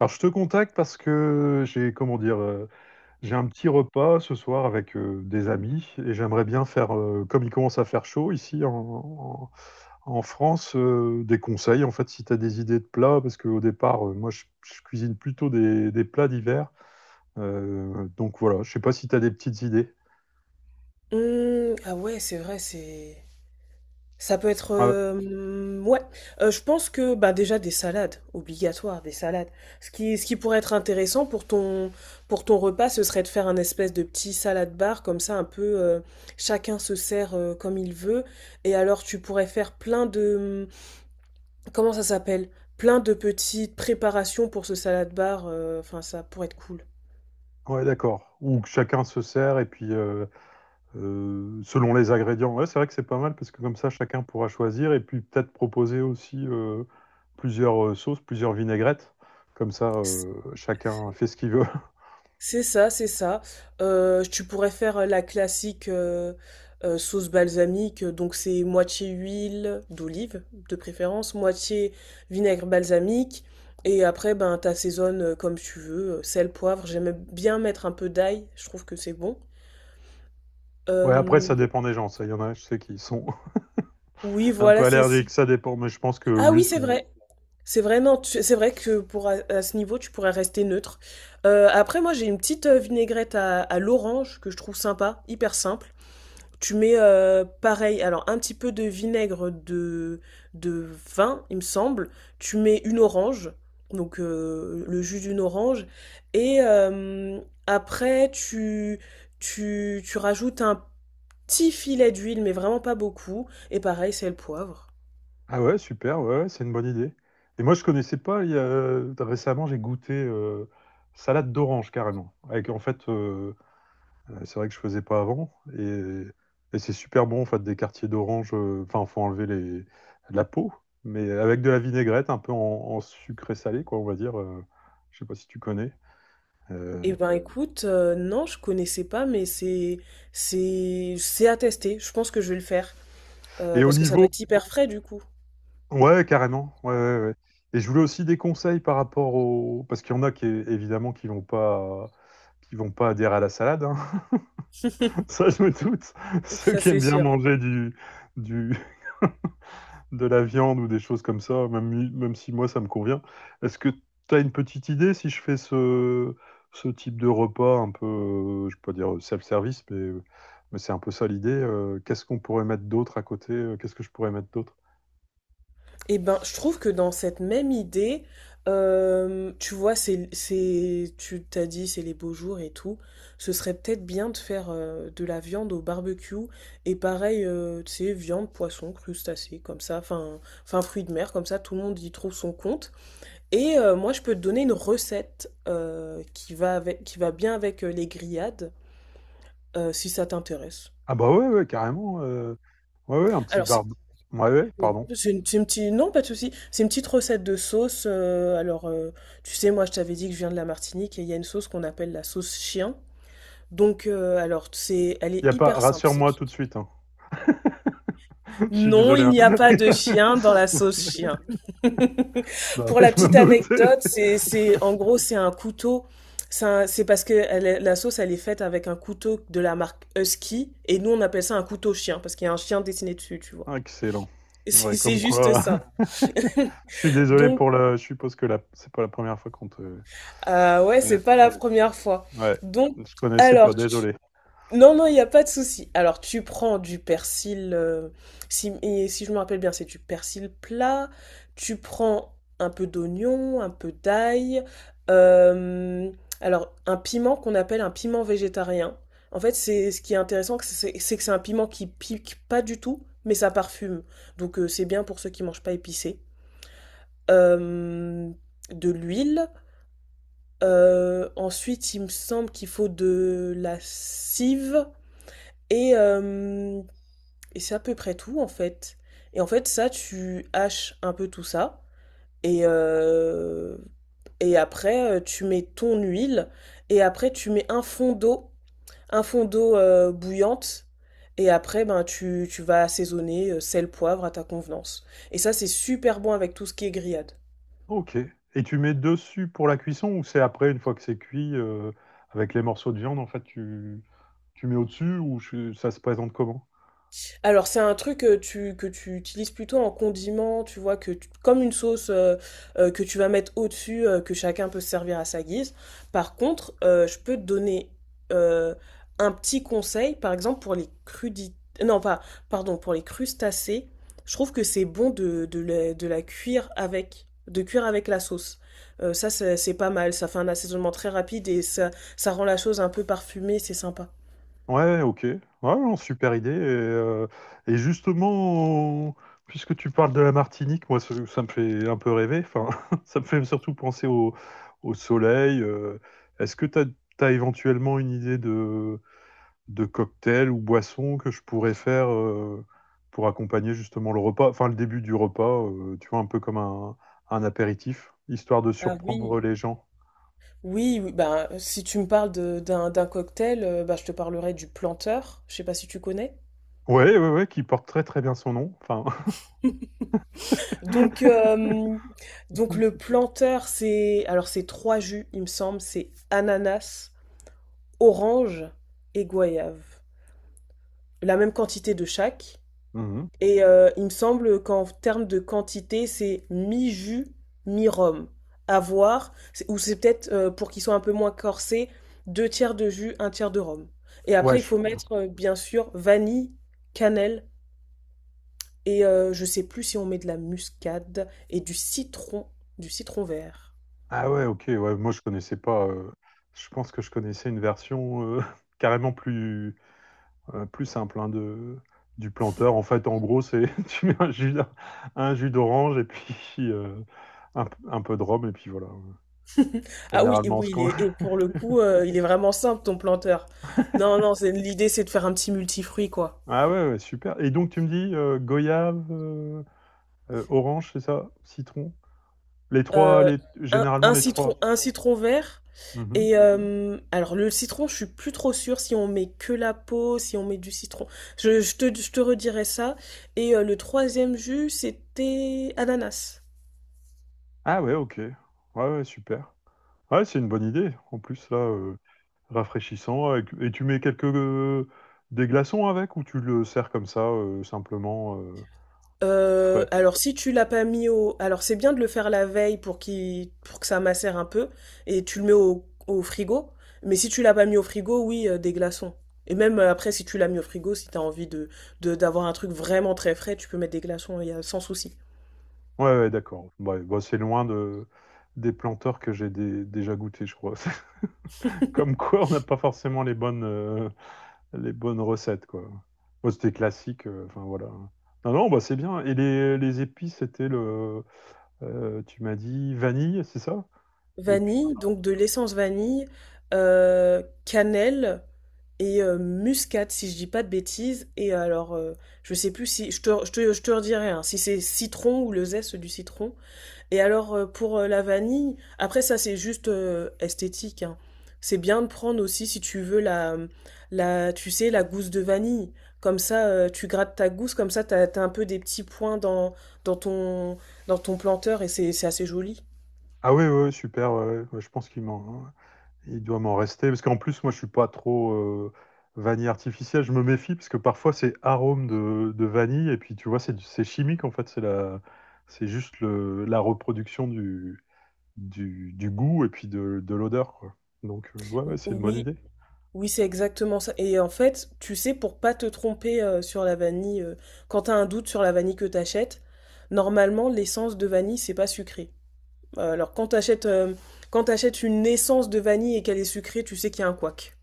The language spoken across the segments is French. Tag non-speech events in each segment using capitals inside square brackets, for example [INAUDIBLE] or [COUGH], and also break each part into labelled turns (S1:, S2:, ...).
S1: Alors, je te contacte parce que j'ai, comment dire, j'ai un petit repas ce soir avec des amis et j'aimerais bien faire, comme il commence à faire chaud ici en France, des conseils en fait si tu as des idées de plats parce qu'au départ, moi je cuisine plutôt des plats d'hiver. Donc voilà, je sais pas si tu as des petites idées.
S2: Mmh, ah ouais, c'est vrai, c'est ça peut être,
S1: Ah,
S2: ouais. Je pense que bah déjà des salades, obligatoire des salades. Ce qui pourrait être intéressant pour pour ton repas, ce serait de faire un espèce de petit salade bar comme ça, un peu chacun se sert comme il veut. Et alors tu pourrais faire plein de, mmh, comment ça s'appelle? Plein de petites préparations pour ce salade bar. Enfin, ça pourrait être cool.
S1: ouais, d'accord. Ou que chacun se sert et puis selon les ingrédients. Ouais, c'est vrai que c'est pas mal parce que comme ça, chacun pourra choisir et puis peut-être proposer aussi plusieurs sauces, plusieurs vinaigrettes. Comme ça, chacun fait ce qu'il veut. [LAUGHS]
S2: C'est ça, c'est ça. Tu pourrais faire la classique sauce balsamique, donc c'est moitié huile d'olive de préférence, moitié vinaigre balsamique, et après ben t'assaisonnes comme tu veux, sel, poivre. J'aime bien mettre un peu d'ail, je trouve que c'est bon.
S1: Ouais, après,
S2: Euh,
S1: ça dépend des gens. Ça, il y en a, je sais, qui sont
S2: oui,
S1: [LAUGHS] un peu
S2: voilà, c'est.
S1: allergiques. Ça dépend, mais je pense que
S2: Ah
S1: oui, ils
S2: oui, c'est
S1: sont.
S2: vrai. C'est vrai, non, c'est vrai que pour à ce niveau, tu pourrais rester neutre. Après, moi, j'ai une petite vinaigrette à l'orange que je trouve sympa, hyper simple. Tu mets pareil, alors un petit peu de vinaigre de vin, il me semble. Tu mets une orange, donc le jus d'une orange. Et après, tu rajoutes un petit filet d'huile, mais vraiment pas beaucoup. Et pareil, c'est le poivre.
S1: Ah ouais, super. Ouais, ouais, c'est une bonne idée. Et moi, je connaissais pas. Récemment, j'ai goûté salade d'orange carrément. Avec en fait, c'est vrai que je faisais pas avant. Et c'est super bon, en fait, des quartiers d'orange. Enfin, il faut enlever la peau, mais avec de la vinaigrette, un peu en sucré salé, quoi, on va dire. Je sais pas si tu connais. Euh,
S2: Eh ben écoute, non, je connaissais pas, mais c'est à tester. Je pense que je vais le faire
S1: et au
S2: parce que ça doit
S1: niveau,
S2: être hyper frais du coup.
S1: ouais, carrément. Ouais, ouais, ouais. Et je voulais aussi des conseils par rapport au, parce qu'il y en a qui évidemment qui vont pas adhérer à la salade, hein. [LAUGHS] Ça, je me doute. Ceux
S2: Ça
S1: qui aiment
S2: c'est
S1: bien
S2: sûr.
S1: manger du, de la viande ou des choses comme ça, même, même si moi ça me convient. Est-ce que tu as une petite idée si je fais ce type de repas un peu, je peux pas dire self-service, mais c'est un peu ça l'idée. Qu'est-ce qu'on pourrait mettre d'autre à côté? Qu'est-ce que je pourrais mettre d'autre?
S2: Et ben, je trouve que dans cette même idée, tu vois, tu t'as dit, c'est les beaux jours et tout. Ce serait peut-être bien de faire de la viande au barbecue et pareil, tu sais, viande, poisson, crustacés, comme ça, enfin, fruits de mer, comme ça, tout le monde y trouve son compte. Et moi, je peux te donner une recette qui va avec, qui va bien avec les grillades, si ça t'intéresse.
S1: Ah bah ouais, ouais, carrément. Ouais, ouais, un petit
S2: Alors, c'est
S1: barbe. Ouais, ouais,
S2: Oui,
S1: pardon.
S2: c'est une petite, non, pas de souci. C'est une petite recette de sauce. Alors, tu sais, moi, je t'avais dit que je viens de la Martinique et il y a une sauce qu'on appelle la sauce chien. Donc, alors, c'est, elle
S1: Y a
S2: est
S1: pas,
S2: hyper simple, cette
S1: rassure-moi tout de
S2: sauce.
S1: suite, hein. [LAUGHS] Je suis
S2: Non,
S1: désolé,
S2: il
S1: hein.
S2: n'y a pas de
S1: [LAUGHS]
S2: chien dans la
S1: Ok.
S2: sauce chien. [LAUGHS]
S1: Non,
S2: Pour
S1: mais
S2: la
S1: je me
S2: petite
S1: doutais.
S2: anecdote, en gros, c'est un couteau. C'est parce que la sauce, elle est faite avec un couteau de la marque Husky et nous, on appelle ça un couteau chien parce qu'il y a un chien dessiné dessus, tu vois.
S1: Excellent.
S2: [LAUGHS] C'est
S1: Ouais,
S2: c'est
S1: comme
S2: juste
S1: quoi.
S2: ça.
S1: [LAUGHS] Je suis désolé
S2: Donc,
S1: pour le. Je suppose que la... c'est pas la première fois qu'on te.
S2: ah ouais, c'est
S1: Ouais.
S2: pas la ouais première fois.
S1: Ouais.
S2: Donc,
S1: Je connaissais pas,
S2: alors, tu...
S1: désolé.
S2: non, non, il n'y a pas de souci. Alors, tu prends du persil, si, et si je me rappelle bien, c'est du persil plat. Tu prends un peu d'oignon, un peu d'ail. euh, alors, un piment qu'on appelle un piment végétarien. En fait, c'est ce qui est intéressant, que c'est un piment qui pique pas du tout, mais ça parfume. Donc, c'est bien pour ceux qui mangent pas épicé. Euh, de l'huile. Ensuite, il me semble qu'il faut de la cive et hem et c'est à peu près tout, en fait et en fait, ça, tu haches un peu tout ça et heu et après, tu mets ton huile et après tu mets un fond d'eau, bouillante et après, ben, tu vas assaisonner, sel, poivre à ta convenance et ça, c'est super bon avec tout ce qui est grillade.
S1: Ok. Et tu mets dessus pour la cuisson ou c'est après, une fois que c'est cuit, avec les morceaux de viande, en fait, tu mets au-dessus ou ça se présente comment?
S2: Alors c'est un truc que que tu utilises plutôt en condiment, tu vois, comme une sauce que tu vas mettre au-dessus, que chacun peut se servir à sa guise. Par contre, je peux te donner euh, un petit conseil, par exemple pour les crudités, non pas, pardon, pour les crustacés, je trouve que c'est bon de la cuire avec, de cuire avec la sauce. Ça c'est pas mal, ça fait un assaisonnement très rapide et ça rend la chose un peu parfumée, c'est sympa.
S1: Ouais, ok. Ouais, non, super idée. Et justement, puisque tu parles de la Martinique, moi, ça me fait un peu rêver. Enfin, [LAUGHS] ça me fait surtout penser au, au soleil. Est-ce que tu as, éventuellement une idée de cocktails ou boissons que je pourrais faire pour accompagner justement le repas, enfin le début du repas, tu vois, un peu comme un apéritif, histoire de
S2: Ah oui.
S1: surprendre les gens.
S2: Oui, oui, bah, si tu me parles d'un cocktail, bah, je te parlerai du planteur. Je sais pas si tu connais.
S1: Ouais, ouais, ouais, qui porte très très bien son nom. Enfin,
S2: Donc, [LAUGHS]
S1: [LAUGHS]
S2: donc le planteur, c'est alors c'est trois jus, il me semble, c'est ananas, orange et goyave. La même quantité de chaque.
S1: mhm,
S2: Et il me semble qu'en termes de quantité, c'est mi-jus, mi-rhum. À voir, ou c'est peut-être pour qu'ils soient un peu moins corsés, deux tiers de jus, un tiers de rhum. Et
S1: ouais,
S2: après, il faut oui mettre, bien sûr, vanille, cannelle, et je sais plus si on met de la muscade et du citron vert.
S1: ah ouais, ok, ouais, moi je connaissais pas. Je pense que je connaissais une version [LAUGHS] carrément plus plus simple hein, de du planteur. En fait, en gros, c'est [LAUGHS] tu mets un jus d'orange et puis un peu de rhum et puis voilà.
S2: [LAUGHS] Ah oui, et
S1: Généralement, ce
S2: oui,
S1: qu'on...
S2: et
S1: [LAUGHS]
S2: pour le coup, il est vraiment simple, ton planteur. Non, non, l'idée, c'est de faire un petit multifruit, quoi.
S1: Ah ouais, ouais, super. Et donc, tu me dis goyave, orange, c'est ça? Citron? Les trois,
S2: Euh,
S1: les...
S2: un
S1: généralement
S2: oui,
S1: les
S2: citron,
S1: trois.
S2: un citron vert.
S1: Mhm.
S2: Et alors le citron, je suis plus trop sûre si on met que la peau, si on met du citron. Je te redirai ça. Et le troisième jus, c'était ananas.
S1: Ah ouais, ok. Ouais, ouais, super. Ouais, c'est une bonne idée. En plus, là, rafraîchissant. Et tu mets quelques... des glaçons avec ou tu le sers comme ça, simplement frais?
S2: Alors si tu l'as pas mis au... Alors c'est bien de le faire la veille pour, qu'il, pour que ça macère un peu. Et tu le mets au, au frigo. Mais si tu l'as pas mis au frigo, oui, des glaçons. Et même après, si tu l'as mis au frigo, si t'as envie d'avoir un truc vraiment très frais, tu peux mettre des glaçons, il y a sans souci.
S1: Ouais, ouais, d'accord. Ouais, bah, c'est loin de... des planteurs que déjà goûté, je crois. [LAUGHS] Comme quoi, on n'a pas forcément les bonnes recettes, quoi. Moi, c'était classique, enfin voilà. Non, non, bah, c'est bien. Et les épices, c'était le, tu m'as dit vanille, c'est ça? Et puis,
S2: Vanille, donc de l'essence vanille, cannelle et muscade, si je dis pas de bêtises. Et alors, je sais plus si, je te redirai, hein, si c'est citron ou le zeste du citron. Et alors, pour la vanille, après ça, c'est juste esthétique, hein. C'est bien de prendre aussi, si tu veux, tu sais, la gousse de vanille. Comme ça, tu grattes ta gousse, comme ça, t'as un peu des petits points dans ton, dans ton planteur et c'est assez joli.
S1: ah ouais, ouais, super, ouais, ouais, je pense qu'il m'en, hein, il doit m'en rester. Parce qu'en plus, moi, je suis pas trop vanille artificielle, je me méfie, parce que parfois, c'est arôme de vanille, et puis tu vois, c'est chimique, en fait, c'est la, c'est juste le, la reproduction du, du goût et puis de l'odeur, quoi. Donc, ouais, ouais, c'est une bonne
S2: Oui,
S1: idée.
S2: oui, c'est exactement ça. Et en fait, tu sais, pour pas te tromper sur la vanille, quand tu as un doute sur la vanille que tu achètes, normalement, l'essence de vanille, c'est pas sucré. Alors, quand t'achètes une essence de vanille et qu'elle est sucrée, tu sais qu'il y a un couac.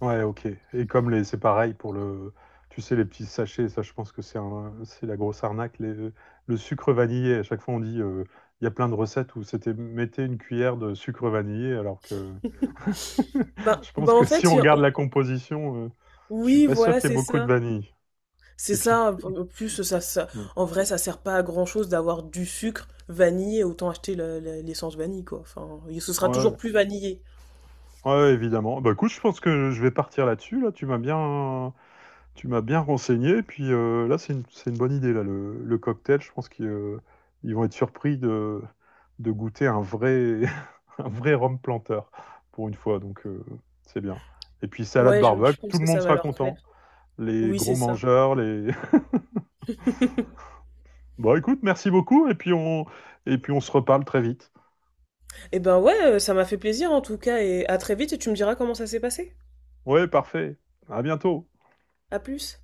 S1: Ouais, ok. Et comme les, c'est pareil pour le, tu sais, les petits sachets, ça, je pense que c'est un, c'est la grosse arnaque. Le sucre vanillé, à chaque fois, on dit, il y a plein de recettes où c'était mettez une cuillère de sucre vanillé, alors que [LAUGHS]
S2: Ben,
S1: je
S2: ben
S1: pense
S2: en
S1: que si
S2: fait,
S1: on
S2: il y a-
S1: regarde la composition, je suis
S2: oui,
S1: pas sûr
S2: voilà,
S1: qu'il y ait
S2: c'est
S1: beaucoup de
S2: ça.
S1: vanille.
S2: C'est
S1: Et puis,
S2: ça, en plus ça
S1: mm,
S2: en vrai ça sert pas à grand chose d'avoir du sucre vanillé, autant acheter l'essence vanille quoi. Enfin, ce sera
S1: ouais,
S2: toujours plus vanillé.
S1: ouais, évidemment. Bah, écoute, je pense que je vais partir là-dessus. Là, tu m'as bien. Tu m'as bien renseigné, puis là, c'est une bonne idée, là, le cocktail. Je pense qu'ils ils vont être surpris de goûter un vrai, [LAUGHS] un vrai rhum planteur pour une fois, donc c'est bien. Et puis, salade
S2: Ouais,
S1: barbecue,
S2: je
S1: tout
S2: pense
S1: le
S2: que
S1: monde
S2: ça va
S1: sera
S2: leur
S1: content.
S2: plaire.
S1: Les
S2: Oui,
S1: gros
S2: c'est ça.
S1: mangeurs, les... [LAUGHS]
S2: [LAUGHS]
S1: Bon, écoute, merci beaucoup, et puis on se reparle très vite.
S2: Eh ben ouais, ça m'a fait plaisir en tout cas et à très vite et tu me diras comment ça s'est passé.
S1: Ouais, parfait. À bientôt.
S2: À plus.